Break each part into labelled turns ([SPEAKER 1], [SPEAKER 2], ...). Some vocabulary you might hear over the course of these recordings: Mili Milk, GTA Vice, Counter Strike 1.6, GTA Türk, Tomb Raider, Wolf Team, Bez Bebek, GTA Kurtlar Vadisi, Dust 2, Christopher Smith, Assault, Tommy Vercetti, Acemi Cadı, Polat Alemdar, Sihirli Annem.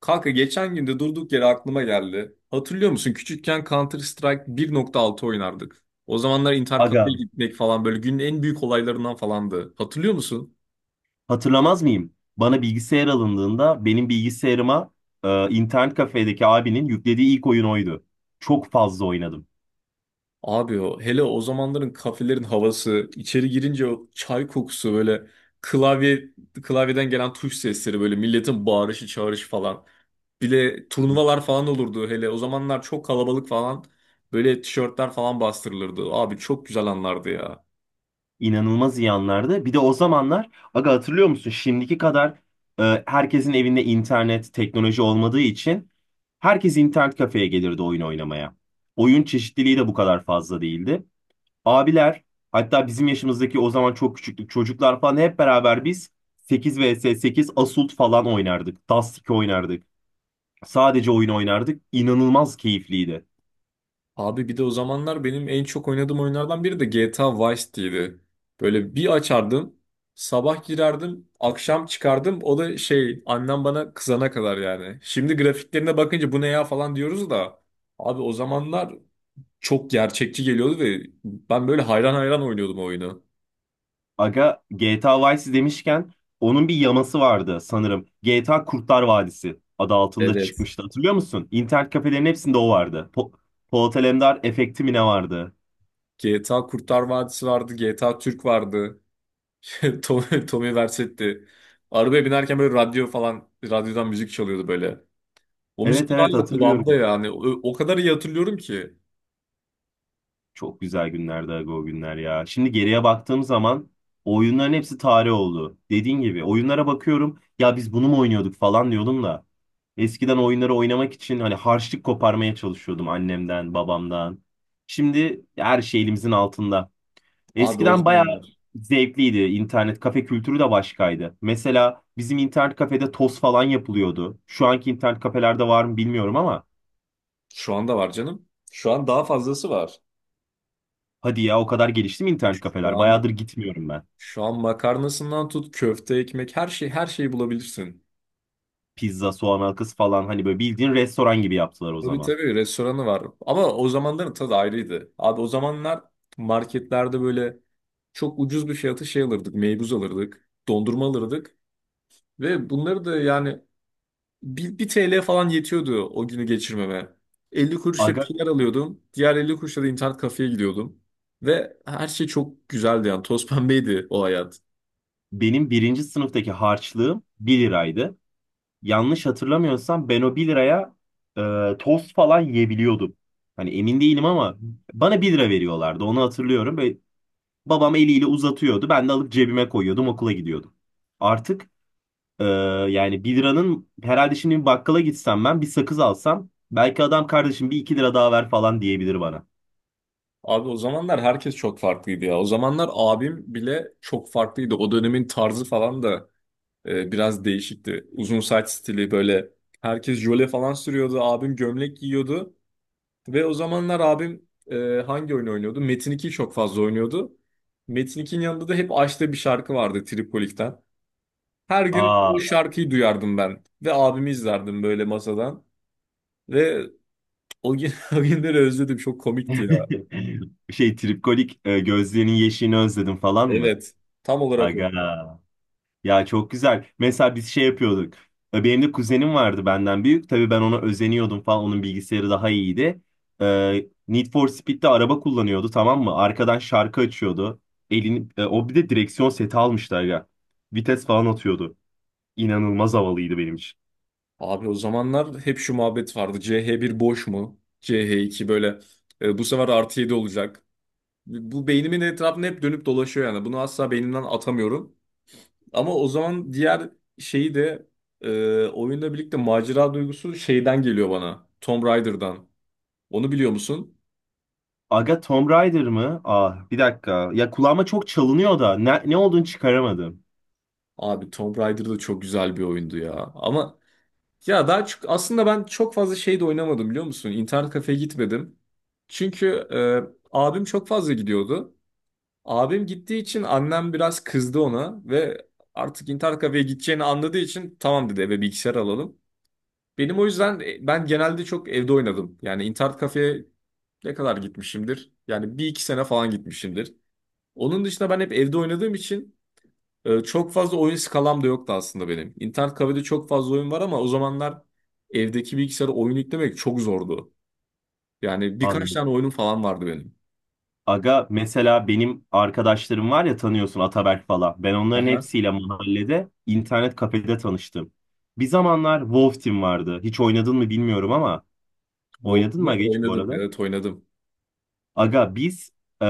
[SPEAKER 1] Kanka geçen gün de durduk yere aklıma geldi. Hatırlıyor musun? Küçükken Counter Strike 1.6 oynardık. O zamanlar intercafe'ye
[SPEAKER 2] Aga,
[SPEAKER 1] gitmek falan böyle günün en büyük olaylarından falandı. Hatırlıyor musun?
[SPEAKER 2] hatırlamaz mıyım? Bana bilgisayar alındığında benim bilgisayarıma internet kafedeki abinin yüklediği ilk oyun oydu. Çok fazla oynadım.
[SPEAKER 1] Abi o hele o zamanların kafelerin havası, içeri girince o çay kokusu böyle klavye klavyeden gelen tuş sesleri böyle milletin bağırışı çağrışı falan. Bir de turnuvalar falan olurdu hele o zamanlar çok kalabalık falan böyle tişörtler falan bastırılırdı. Abi çok güzel anlardı ya.
[SPEAKER 2] İnanılmaz iyi anlardı. Bir de o zamanlar, aga, hatırlıyor musun? Şimdiki kadar herkesin evinde internet, teknoloji olmadığı için herkes internet kafeye gelirdi oyun oynamaya. Oyun çeşitliliği de bu kadar fazla değildi. Abiler, hatta bizim yaşımızdaki, o zaman çok küçüktük, çocuklar falan hep beraber biz 8 vs 8 Assault falan oynardık. Dust 2 oynardık. Sadece oyun oynardık. İnanılmaz keyifliydi.
[SPEAKER 1] Abi bir de o zamanlar benim en çok oynadığım oyunlardan biri de GTA Vice City'ydi. Böyle bir açardım, sabah girerdim, akşam çıkardım. O da şey annem bana kızana kadar yani. Şimdi grafiklerine bakınca bu ne ya falan diyoruz da. Abi o zamanlar çok gerçekçi geliyordu ve ben böyle hayran hayran oynuyordum o oyunu.
[SPEAKER 2] Aga, GTA Vice demişken onun bir yaması vardı sanırım. GTA Kurtlar Vadisi adı altında
[SPEAKER 1] Evet.
[SPEAKER 2] çıkmıştı, hatırlıyor musun? İnternet kafelerin hepsinde o vardı. Polat Alemdar efekti mi ne vardı?
[SPEAKER 1] GTA Kurtlar Vadisi vardı, GTA Türk vardı. Tommy, Tommy Vercetti. Arabaya binerken böyle radyo falan, radyodan müzik çalıyordu böyle. O
[SPEAKER 2] Evet,
[SPEAKER 1] müzikler
[SPEAKER 2] evet,
[SPEAKER 1] hala kulağımda
[SPEAKER 2] hatırlıyorum.
[SPEAKER 1] yani. O kadar iyi hatırlıyorum ki.
[SPEAKER 2] Çok güzel günlerdi aga, o günler ya. Şimdi geriye baktığım zaman o oyunların hepsi tarih oldu. Dediğin gibi, oyunlara bakıyorum ya, biz bunu mu oynuyorduk falan diyordum da. Eskiden oyunları oynamak için hani harçlık koparmaya çalışıyordum annemden, babamdan. Şimdi her şey elimizin altında.
[SPEAKER 1] Abi o
[SPEAKER 2] Eskiden bayağı
[SPEAKER 1] zamanlar.
[SPEAKER 2] zevkliydi. İnternet kafe kültürü de başkaydı. Mesela bizim internet kafede toz falan yapılıyordu. Şu anki internet kafelerde var mı bilmiyorum ama
[SPEAKER 1] Şu anda var canım. Şu an daha fazlası var.
[SPEAKER 2] hadi ya, o kadar gelişti mi internet
[SPEAKER 1] Şu
[SPEAKER 2] kafeler?
[SPEAKER 1] an
[SPEAKER 2] Bayağıdır gitmiyorum ben.
[SPEAKER 1] şu an makarnasından tut köfte, ekmek her şey her şeyi bulabilirsin.
[SPEAKER 2] Pizza, soğan halkası falan, hani böyle bildiğin restoran gibi yaptılar o
[SPEAKER 1] Tabii
[SPEAKER 2] zaman.
[SPEAKER 1] tabii restoranı var. Ama o zamanların tadı ayrıydı. Abi o zamanlar marketlerde böyle çok ucuz bir fiyata şey alırdık. Meybuz alırdık. Dondurma alırdık. Ve bunları da yani Bir TL falan yetiyordu o günü geçirmeme. 50 kuruşla bir
[SPEAKER 2] Aga,
[SPEAKER 1] şeyler alıyordum. Diğer 50 kuruşla da internet kafeye gidiyordum. Ve her şey çok güzeldi yani. Toz pembeydi o hayat.
[SPEAKER 2] benim birinci sınıftaki harçlığım bir liraydı. Yanlış hatırlamıyorsam ben o bir liraya tost falan yiyebiliyordum. Hani emin değilim ama bana bir lira veriyorlardı, onu hatırlıyorum. Ve babam eliyle uzatıyordu, ben de alıp cebime koyuyordum, okula gidiyordum. Artık Ee, Yani 1 liranın herhalde şimdi bir bakkala gitsem, ben bir sakız alsam, belki adam kardeşim bir iki lira daha ver falan diyebilir bana.
[SPEAKER 1] Abi o zamanlar herkes çok farklıydı ya. O zamanlar abim bile çok farklıydı. O dönemin tarzı falan da biraz değişikti. Uzun saç stili böyle. Herkes jöle falan sürüyordu. Abim gömlek giyiyordu. Ve o zamanlar abim hangi oyun oynuyordu? Metin 2'yi çok fazla oynuyordu. Metin 2'nin yanında da hep açtığı bir şarkı vardı Tripolik'ten. Her gün o
[SPEAKER 2] Aa.
[SPEAKER 1] şarkıyı duyardım ben. Ve abimi izlerdim böyle masadan. Ve o günleri özledim. Çok komikti ya.
[SPEAKER 2] Şey, tripkolik, gözlerinin yeşilini özledim falan mı?
[SPEAKER 1] Evet. Tam olarak o.
[SPEAKER 2] Aga. Ya, çok güzel. Mesela biz şey yapıyorduk. Benim de kuzenim vardı benden büyük. Tabii ben ona özeniyordum falan. Onun bilgisayarı daha iyiydi. Need for Speed'de araba kullanıyordu, tamam mı? Arkadan şarkı açıyordu. Elini, o bir de direksiyon seti almıştı aga. Vites falan atıyordu. İnanılmaz havalıydı benim için.
[SPEAKER 1] Abi o zamanlar hep şu muhabbet vardı. C H bir boş mu? C H iki böyle bu sefer artı 7 olacak. Bu beynimin etrafında hep dönüp dolaşıyor yani. Bunu asla beynimden atamıyorum. Ama o zaman diğer şeyi de oyunla birlikte macera duygusu şeyden geliyor bana. Tomb Raider'dan. Onu biliyor musun?
[SPEAKER 2] Aga, Tomb Raider mı? Ah, bir dakika. Ya kulağıma çok çalınıyor da ne olduğunu çıkaramadım.
[SPEAKER 1] Abi Tomb Raider da çok güzel bir oyundu ya. Ama ya daha çok aslında ben çok fazla şey de oynamadım biliyor musun? İnternet kafeye gitmedim. Çünkü abim çok fazla gidiyordu. Abim gittiği için annem biraz kızdı ona ve artık internet kafeye gideceğini anladığı için tamam dedi, eve bilgisayar alalım. Benim o yüzden ben genelde çok evde oynadım. Yani internet kafeye ne kadar gitmişimdir? Yani bir iki sene falan gitmişimdir. Onun dışında ben hep evde oynadığım için çok fazla oyun skalam da yoktu aslında benim. İnternet kafede çok fazla oyun var ama o zamanlar evdeki bilgisayara oyun yüklemek çok zordu. Yani birkaç
[SPEAKER 2] Anladım.
[SPEAKER 1] tane oyunum falan vardı benim.
[SPEAKER 2] Aga, mesela benim arkadaşlarım var ya, tanıyorsun, Ataberk falan. Ben onların
[SPEAKER 1] Aha.
[SPEAKER 2] hepsiyle mahallede, internet kafede tanıştım. Bir zamanlar Wolf Team vardı. Hiç oynadın mı bilmiyorum ama, oynadın
[SPEAKER 1] Wolf'u
[SPEAKER 2] mı aga hiç bu
[SPEAKER 1] oynadım.
[SPEAKER 2] arada?
[SPEAKER 1] Evet, oynadım.
[SPEAKER 2] Aga, biz e,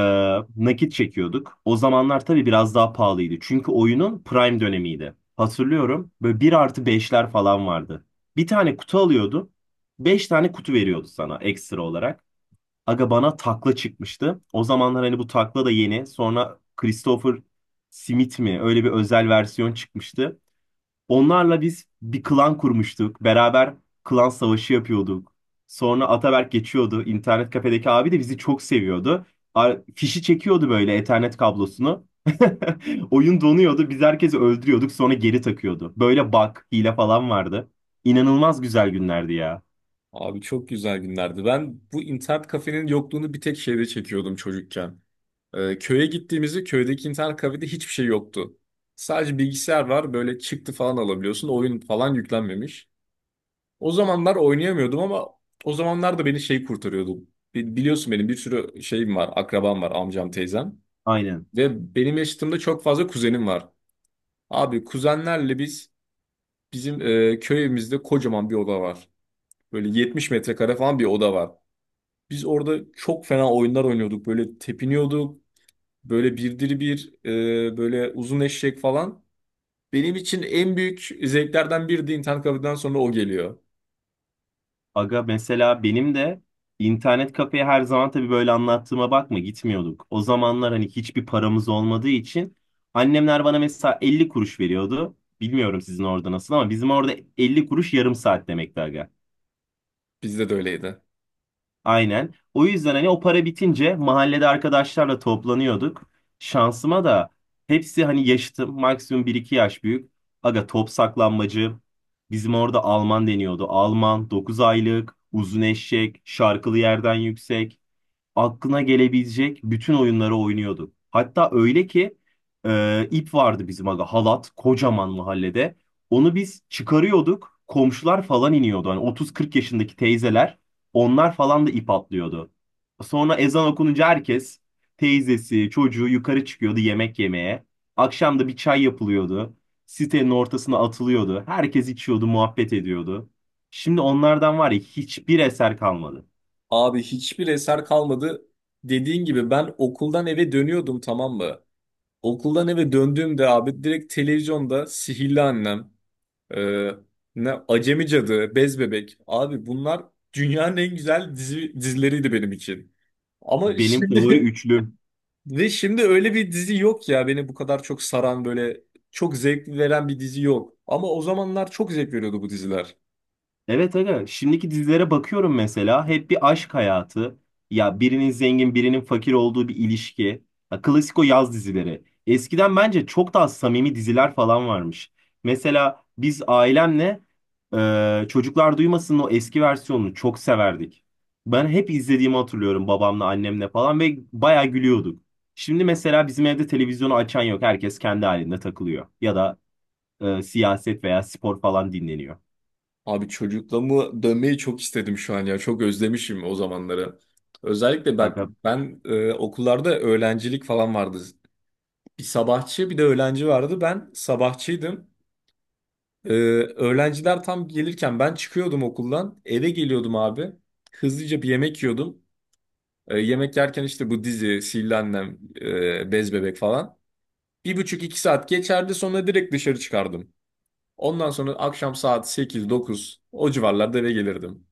[SPEAKER 2] nakit çekiyorduk. O zamanlar tabii biraz daha pahalıydı. Çünkü oyunun prime dönemiydi. Hatırlıyorum, böyle bir artı beşler falan vardı. Bir tane kutu alıyordun. Beş tane kutu veriyordu sana ekstra olarak. Aga, bana takla çıkmıştı. O zamanlar hani bu takla da yeni. Sonra Christopher Smith mi? Öyle bir özel versiyon çıkmıştı. Onlarla biz bir klan kurmuştuk. Beraber klan savaşı yapıyorduk. Sonra Ataberk geçiyordu. İnternet kafedeki abi de bizi çok seviyordu. Fişi çekiyordu böyle, Ethernet kablosunu. Oyun donuyordu. Biz herkesi öldürüyorduk. Sonra geri takıyordu. Böyle bug, hile falan vardı. İnanılmaz güzel günlerdi ya.
[SPEAKER 1] Abi çok güzel günlerdi. Ben bu internet kafenin yokluğunu bir tek şeyde çekiyordum çocukken. Köye gittiğimizde köydeki internet kafede hiçbir şey yoktu. Sadece bilgisayar var böyle çıktı falan alabiliyorsun. Oyun falan yüklenmemiş. O zamanlar oynayamıyordum ama o zamanlar da beni şey kurtarıyordu. Biliyorsun benim bir sürü şeyim var, akrabam var, amcam, teyzem.
[SPEAKER 2] Aynen.
[SPEAKER 1] Ve benim yaşıtımda çok fazla kuzenim var. Abi kuzenlerle biz bizim köyümüzde kocaman bir oda var. Böyle 70 metrekare falan bir oda var. Biz orada çok fena oyunlar oynuyorduk. Böyle tepiniyorduk. Böyle böyle uzun eşek falan. Benim için en büyük zevklerden biri de internet kafeden sonra o geliyor.
[SPEAKER 2] Aga, mesela benim de internet kafeye her zaman, tabii böyle anlattığıma bakma, gitmiyorduk. O zamanlar hani hiçbir paramız olmadığı için annemler bana mesela 50 kuruş veriyordu. Bilmiyorum sizin orada nasıl ama bizim orada 50 kuruş yarım saat demekti aga.
[SPEAKER 1] Bizde de öyleydi.
[SPEAKER 2] Aynen. O yüzden hani o para bitince mahallede arkadaşlarla toplanıyorduk. Şansıma da hepsi hani yaşıtım. Maksimum bir iki yaş büyük. Aga, top, saklanmacı. Bizim orada Alman deniyordu. Alman, 9 aylık, uzun eşek, şarkılı, yerden yüksek, aklına gelebilecek bütün oyunları oynuyorduk. Hatta öyle ki ip vardı bizim aga, halat, kocaman, mahallede. Onu biz çıkarıyorduk. Komşular falan iniyordu. Hani 30-40 yaşındaki teyzeler, onlar falan da ip atlıyordu. Sonra ezan okununca herkes, teyzesi, çocuğu, yukarı çıkıyordu yemek yemeye. Akşam da bir çay yapılıyordu. Sitenin ortasına atılıyordu. Herkes içiyordu, muhabbet ediyordu. Şimdi onlardan var ya, hiçbir eser kalmadı.
[SPEAKER 1] Abi hiçbir eser kalmadı. Dediğin gibi ben okuldan eve dönüyordum, tamam mı? Okuldan eve döndüğümde abi direkt televizyonda Sihirli Annem, e, ne Acemi Cadı, Bez Bebek. Abi bunlar dünyanın en güzel dizileriydi benim için. Ama
[SPEAKER 2] Benim favori
[SPEAKER 1] şimdi
[SPEAKER 2] üçlü.
[SPEAKER 1] ve şimdi öyle bir dizi yok ya beni bu kadar çok saran böyle çok zevk veren bir dizi yok. Ama o zamanlar çok zevk veriyordu bu diziler.
[SPEAKER 2] Evet aga, şimdiki dizilere bakıyorum mesela, hep bir aşk hayatı. Ya birinin zengin, birinin fakir olduğu bir ilişki. Ya, klasik o yaz dizileri. Eskiden bence çok daha samimi diziler falan varmış. Mesela biz ailemle Çocuklar Duymasın'ın o eski versiyonunu çok severdik. Ben hep izlediğimi hatırlıyorum, babamla, annemle falan, ve bayağı gülüyorduk. Şimdi mesela bizim evde televizyonu açan yok. Herkes kendi halinde takılıyor. Ya da siyaset veya spor falan dinleniyor.
[SPEAKER 1] Abi çocukluğumu dönmeyi çok istedim şu an ya. Çok özlemişim o zamanları. Özellikle bak
[SPEAKER 2] Aga,
[SPEAKER 1] ben okullarda öğrencilik falan vardı. Bir sabahçı bir de öğlenci vardı. Ben sabahçıydım. E, Öğrenciler tam gelirken ben çıkıyordum okuldan. Eve geliyordum abi. Hızlıca bir yemek yiyordum. Yemek yerken işte bu dizi, Sihirli Annem, Bez Bebek falan. 1,5 2 saat geçerdi sonra direkt dışarı çıkardım. Ondan sonra akşam saat 8 9 o civarlarda eve gelirdim.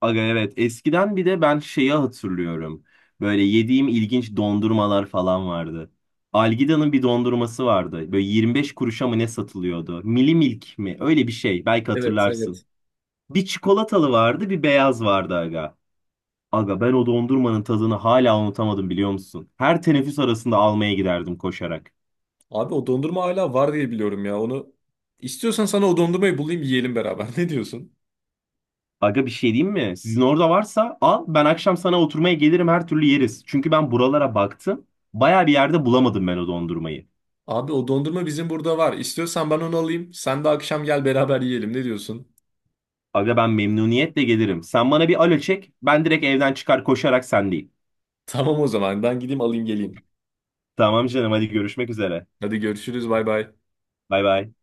[SPEAKER 2] aga, evet, eskiden bir de ben şeyi hatırlıyorum. Böyle yediğim ilginç dondurmalar falan vardı. Algida'nın bir dondurması vardı. Böyle 25 kuruşa mı ne satılıyordu? Mili Milk mi? Öyle bir şey. Belki
[SPEAKER 1] Evet, evet.
[SPEAKER 2] hatırlarsın. Bir çikolatalı vardı, bir beyaz vardı aga. Aga, ben o dondurmanın tadını hala unutamadım, biliyor musun? Her teneffüs arasında almaya giderdim koşarak.
[SPEAKER 1] Abi o dondurma hala var diye biliyorum ya. Onu istiyorsan sana o dondurmayı bulayım, yiyelim beraber. Ne diyorsun?
[SPEAKER 2] Aga, bir şey diyeyim mi? Sizin orada varsa al. Ben akşam sana oturmaya gelirim, her türlü yeriz. Çünkü ben buralara baktım. Baya bir yerde bulamadım ben o dondurmayı.
[SPEAKER 1] Abi o dondurma bizim burada var. İstiyorsan ben onu alayım. Sen de akşam gel beraber yiyelim. Ne diyorsun?
[SPEAKER 2] Aga, ben memnuniyetle gelirim. Sen bana bir alo çek. Ben direkt evden çıkar, koşarak sendeyim.
[SPEAKER 1] Tamam, o zaman ben gideyim alayım geleyim.
[SPEAKER 2] Tamam canım, hadi görüşmek üzere.
[SPEAKER 1] Hadi görüşürüz, bay bay.
[SPEAKER 2] Bay bay.